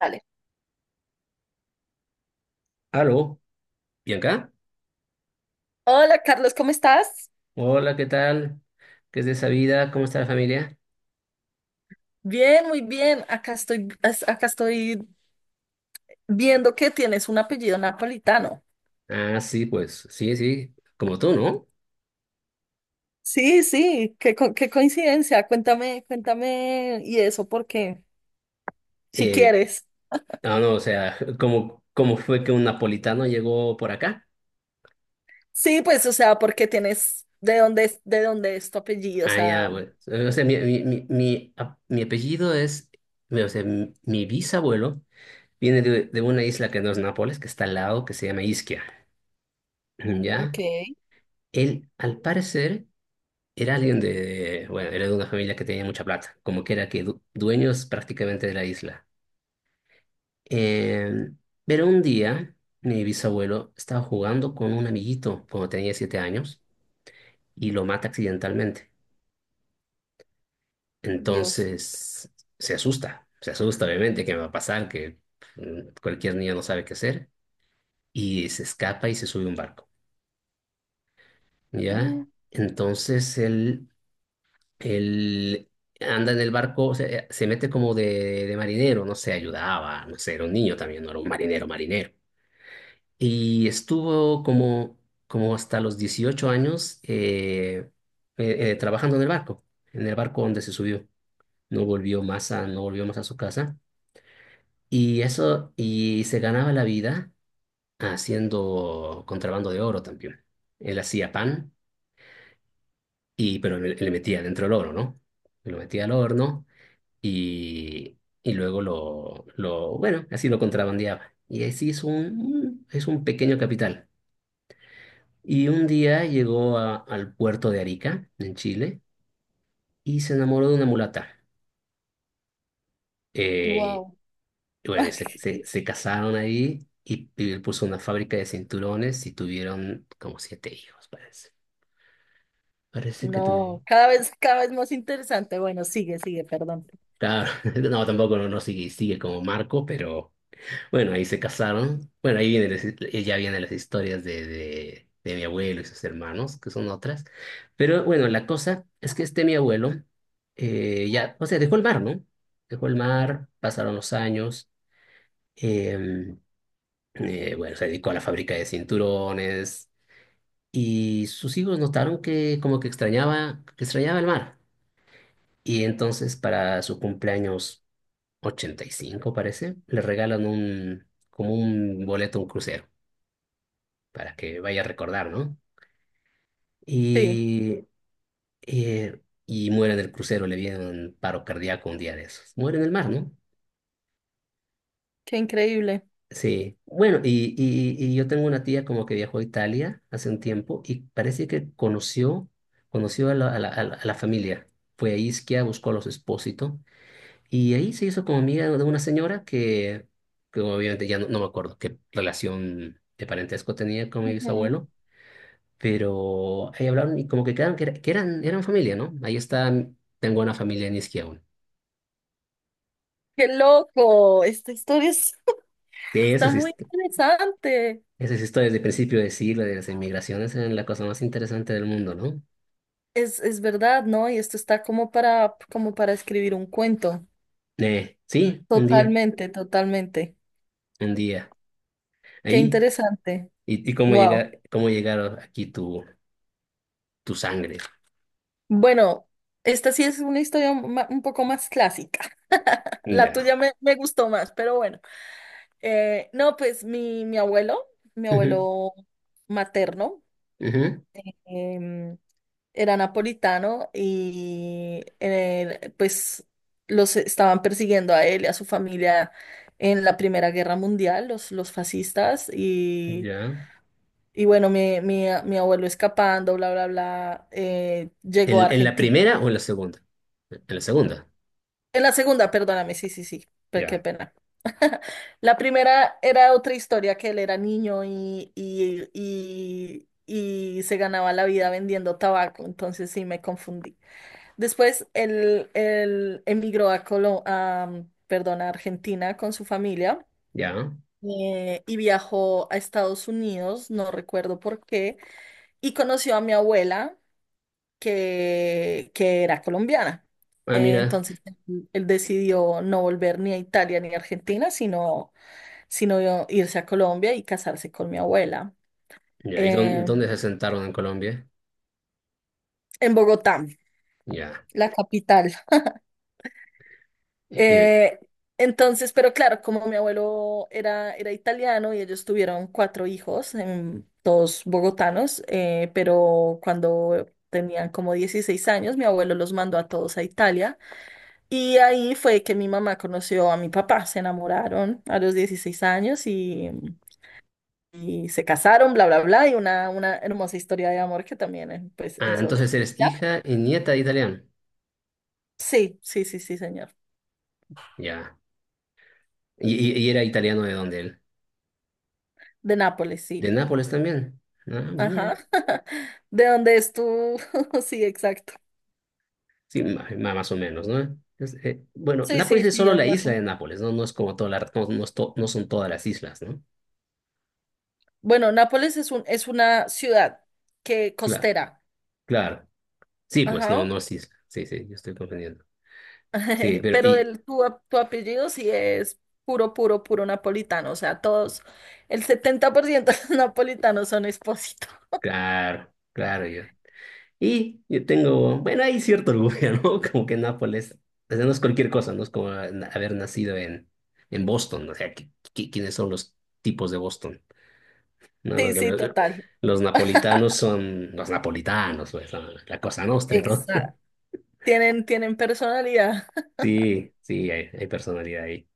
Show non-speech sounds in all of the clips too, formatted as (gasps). Dale. Aló, Bianca, Hola Carlos, ¿cómo estás? hola, ¿qué tal? ¿Qué es de esa vida? ¿Cómo está la familia? Bien, muy bien. Acá estoy viendo que tienes un apellido napolitano. Ah, sí, pues, sí, sí, como tú, ¿no? Sí, sí, qué coincidencia. Cuéntame, cuéntame y eso porque si Eh, quieres. No, o sea, (laughs) ¿cómo fue que un napolitano llegó por acá? Sí, pues, o sea, porque tienes de dónde es tu apellido, o Ah, ya, sea, bueno, o sea, mi apellido es, o sea, mi bisabuelo viene de una isla que no es Nápoles, que está al lado, que se llama Isquia, ok. ¿ya? Él, al parecer, era alguien de, bueno, era de una familia que tenía mucha plata, como que era que dueños prácticamente de la isla. Eh, pero un día mi bisabuelo estaba jugando con un amiguito cuando tenía siete años y lo mata accidentalmente. Dios. Entonces se asusta obviamente que me va a pasar, que cualquier niño no sabe qué hacer y se escapa y se sube a un barco, ¿ya? (gasps) Entonces él Él anda en el barco, o sea, se mete como de marinero, no sé, ayudaba, no sé, era un niño también, no era un marinero, marinero. Y estuvo como, como hasta los 18 años trabajando en el barco donde se subió. No volvió más a su casa. Y eso, y se ganaba la vida haciendo contrabando de oro también. Él hacía pan, y, pero le metía dentro el oro, ¿no? Lo metía al horno y luego bueno, así lo contrabandeaba. Y así es un pequeño capital. Y un día llegó al puerto de Arica, en Chile, y se enamoró de una mulata. Eh, Wow. y bueno, y (laughs) se casaron ahí y él puso una fábrica de cinturones y tuvieron como siete hijos, parece. Parece que No, tuvieron. Cada vez más interesante. Bueno, sigue, sigue, perdón. Claro, (laughs) no, tampoco no sigue, sigue como Marco, pero bueno, ahí se casaron. Bueno, ahí viene, ya vienen las historias de mi abuelo y sus hermanos, que son otras. Pero bueno, la cosa es que este mi abuelo ya, o sea, dejó el mar, ¿no? Dejó el mar, pasaron los años. em, bueno, se dedicó a la fábrica de cinturones y sus hijos notaron que como que extrañaba el mar. Y entonces para su cumpleaños 85, parece, le regalan un, como un boleto a un crucero, para que vaya a recordar, ¿no? Sí, Y, y muere en el crucero, le viene un paro cardíaco un día de esos. Muere en el mar, ¿no? qué increíble. Sí. Bueno, y yo tengo una tía como que viajó a Italia hace un tiempo y parece que conoció, conoció a la a la familia. Fue a Ischia, buscó a los Espósito y ahí se hizo como amiga de una señora que obviamente ya no me acuerdo qué relación de parentesco tenía con mi bisabuelo, pero ahí hablaron y como que quedaron que, que eran, eran familia, ¿no? Ahí están, tengo una familia en Isquia aún. Qué loco, esta historia es- Sí, (laughs) está muy interesante. esa es historia desde el principio de siglo, de las inmigraciones, es la cosa más interesante del mundo, ¿no? Es verdad, ¿no? Y esto está como para escribir un cuento. Sí, un día, Totalmente, totalmente. un día. Qué Ahí, interesante. Y cómo Wow. llegar, cómo llegaron aquí tu, tu sangre. Bueno, esta sí es una historia ma- un poco más clásica. (laughs) La Ya. tuya me gustó más, pero bueno. No, pues mi abuelo, mi Ujú, abuelo materno, ujú, em, era napolitano y pues los estaban persiguiendo a él y a su familia en la Primera Guerra Mundial, los fascistas, y, ya. y bueno, mi abuelo escapando, bla, bla, bla, llegó a En la Argentina. primera o en la segunda? En la segunda. En la segunda, perdóname, sí, sí, sí, qué Ya, pena. (laughs) La primera era otra historia, que él era niño y se ganaba la vida vendiendo tabaco, entonces sí me confundí. Después él emigró a Colo- a, mm, perdón, a Argentina con su familia ya. Y viajó a Estados Unidos, no recuerdo por qué, y conoció a mi abuela que era colombiana. Ah, Eh, mira. entonces él decidió no volver ni a Italia ni a Argentina, sino irse a Colombia y casarse con mi abuela Ya, ¿y dónde, eh, dónde se sentaron en Colombia? en Bogotá, Ya. la capital. ¿Y, Eh, entonces, pero claro, como mi abuelo era italiano y ellos tuvieron cuatro hijos, todos bogotanos, pero cuando tenían como 16 años, mi abuelo los mandó a todos a Italia y ahí fue que mi mamá conoció a mi papá, se enamoraron a los 16 años y se casaron, bla, bla, bla, y una hermosa historia de amor que también pues, ah, es otra. entonces eres ¿Ya? hija y nieta de italiano? Sí, sí, sí, sí, señor. Ya. ¿Y, y era italiano de dónde él? De Nápoles, ¿De sí. Nápoles también? Ah, mira. Ajá. (laughs) ¿De dónde es tú? (laughs) Sí, exacto. Sí, más o menos, ¿no? Entonces, bueno, Sí, Nápoles sí, es sí, solo hay la más o isla de menos. Nápoles, ¿no? No es como toda la, no, no es no son todas las islas, ¿no? Bueno, Nápoles es una ciudad que Claro, costera. claro. Sí, pues no, Ajá. no es isla. Sí, sí, yo estoy comprendiendo. Sí, (laughs) pero Pero y, tu apellido sí es puro, puro, puro napolitano. O sea, todos, el 70% de los napolitanos (laughs) son expósitos. claro, claro, yo. Y yo tengo, bueno, hay cierto orgullo, (laughs) ¿no? Como que Nápoles, o sea, no es cualquier cosa, no es como haber nacido en Boston, o sea, ¿quiénes son los tipos de Boston? ¿No? Los, Sí, sí, los- total. los napolitanos son los napolitanos, pues, la cosa nostra y todo. Exacto. (laughs) Tienen personalidad. Sí, sí, hay personalidad ahí.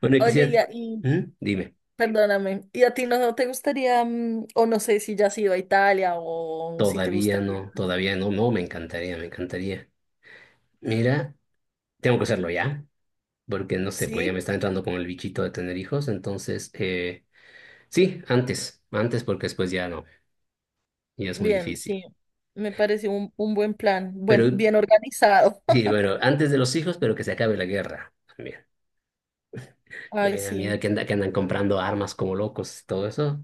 Bueno, y Oye, y, quisiera, a- y ¿mm? Dime, perdóname, ¿y a ti no te gustaría, o no sé si ya has ido a Italia o si te gustaría? Todavía no, no, me encantaría, me encantaría. Mira, tengo que hacerlo ya, porque no sé, pues ya me Sí, está entrando con el bichito de tener hijos, entonces... Sí, antes, antes porque después ya no, ya es muy bien, difícil. sí. Me pareció un buen plan, buen, Pero bien organizado. sí, bueno, antes de los hijos, pero que se acabe la guerra también. (laughs) Que Ay, me da miedo sí. que, que andan comprando armas como locos, todo eso,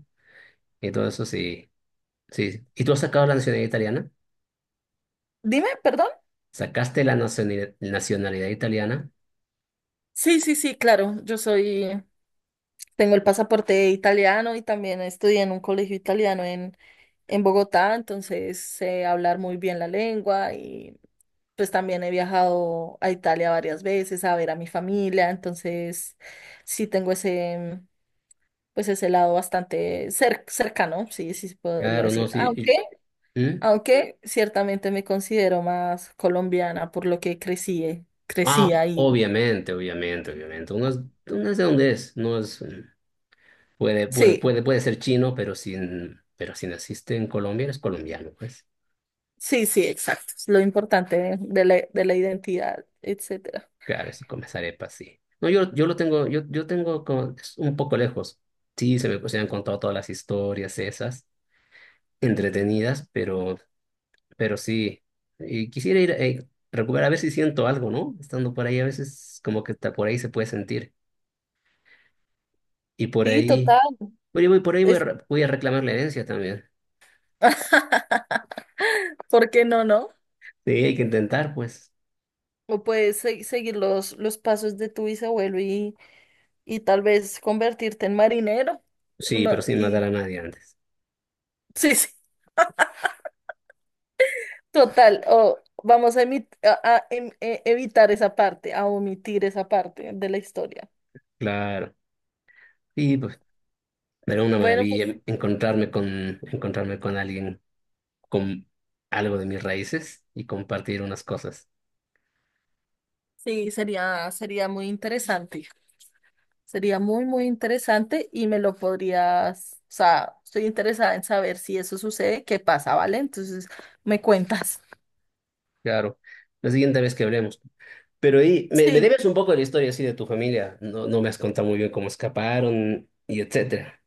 y todo eso sí, sí. ¿Y tú has sacado la nacionalidad italiana? Dime, perdón. ¿Sacaste la nacionalidad, nacionalidad italiana? Sí, sí, sí, claro. Yo soy, tengo el pasaporte italiano y también estudié en un colegio italiano en Bogotá, entonces sé hablar muy bien la lengua y pues también he viajado a Italia varias veces a ver a mi familia, entonces sí tengo ese, pues ese lado bastante cercano, sí, sí se podría Claro, no, decir. sí. Aunque ¿Mm? Aunque ciertamente me considero más colombiana por lo que crecí, Ah, crecí ahí. obviamente, obviamente, obviamente. Uno es de donde es, no es, puede, Sí, puede ser chino, pero sin, pero si naciste en Colombia, eres colombiano, pues. sí, sí, exacto. Es lo importante de la, identidad, etcétera. Claro, sí, con las arepas, sí. No, yo lo tengo, yo tengo como, es un poco lejos. Sí, se me han contado todas las historias esas, entretenidas, pero sí. Y quisiera ir, recuperar, a ver si siento algo, ¿no? Estando por ahí, a veces como que está por ahí se puede sentir. Y por Sí, ahí, total. oye, voy, por ahí voy a, Es. Voy a reclamar la herencia también. (laughs) ¿Por qué no, no? Sí, hay que intentar, pues. O puedes seguir los pasos de tu bisabuelo y tal vez convertirte en marinero. Sí, No, pero sin matar y a nadie antes. sí, sí, total. O vamos a evitar esa parte, a omitir esa parte de la historia. Claro. Sí, pues, era una Bueno, pues. maravilla encontrarme con alguien con algo de mis raíces y compartir unas cosas. Sí, sería muy interesante. Sería muy, muy interesante y me lo podrías, o sea, estoy interesada en saber si eso sucede, qué pasa, ¿vale? Entonces, me cuentas. (laughs) Claro, la siguiente vez que hablemos. Pero ahí, me Sí, debes un poco de la historia así de tu familia. No, no me has contado muy bien cómo escaparon y etcétera.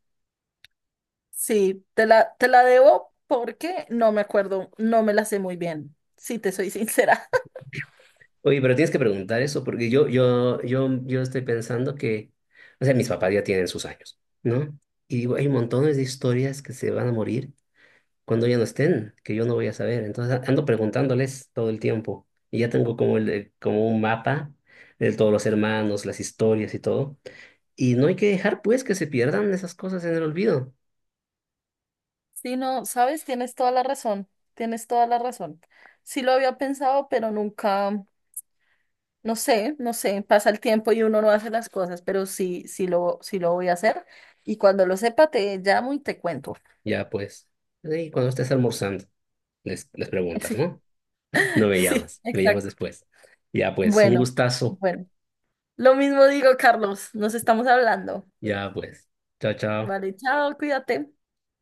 sí, te la, debo porque no me acuerdo, no me la sé muy bien, si te soy sincera. (laughs) Oye, pero tienes que preguntar eso porque yo estoy pensando que, o sea, mis papás ya tienen sus años, ¿no? Y digo, hay montones de historias que se van a morir cuando ya no estén, que yo no voy a saber. Entonces ando preguntándoles todo el tiempo y ya tengo como, el, como un mapa de todos los hermanos, las historias y todo. Y no hay que dejar pues que se pierdan esas cosas en el olvido. Sí, no, sabes, tienes toda la razón, tienes toda la razón. Sí lo había pensado, pero nunca. No sé, no sé, pasa el tiempo y uno no hace las cosas, pero sí, sí lo, voy a hacer. Y cuando lo sepa, te llamo y te cuento. Ya pues, ahí cuando estés almorzando, les (laughs) preguntas, Sí, ¿no? No me sí, llamas, me llamas exacto. después. Ya pues, un Bueno, gustazo. bueno. Lo mismo digo, Carlos, nos estamos hablando. Ya pues, chao, chao. Vale, chao, cuídate.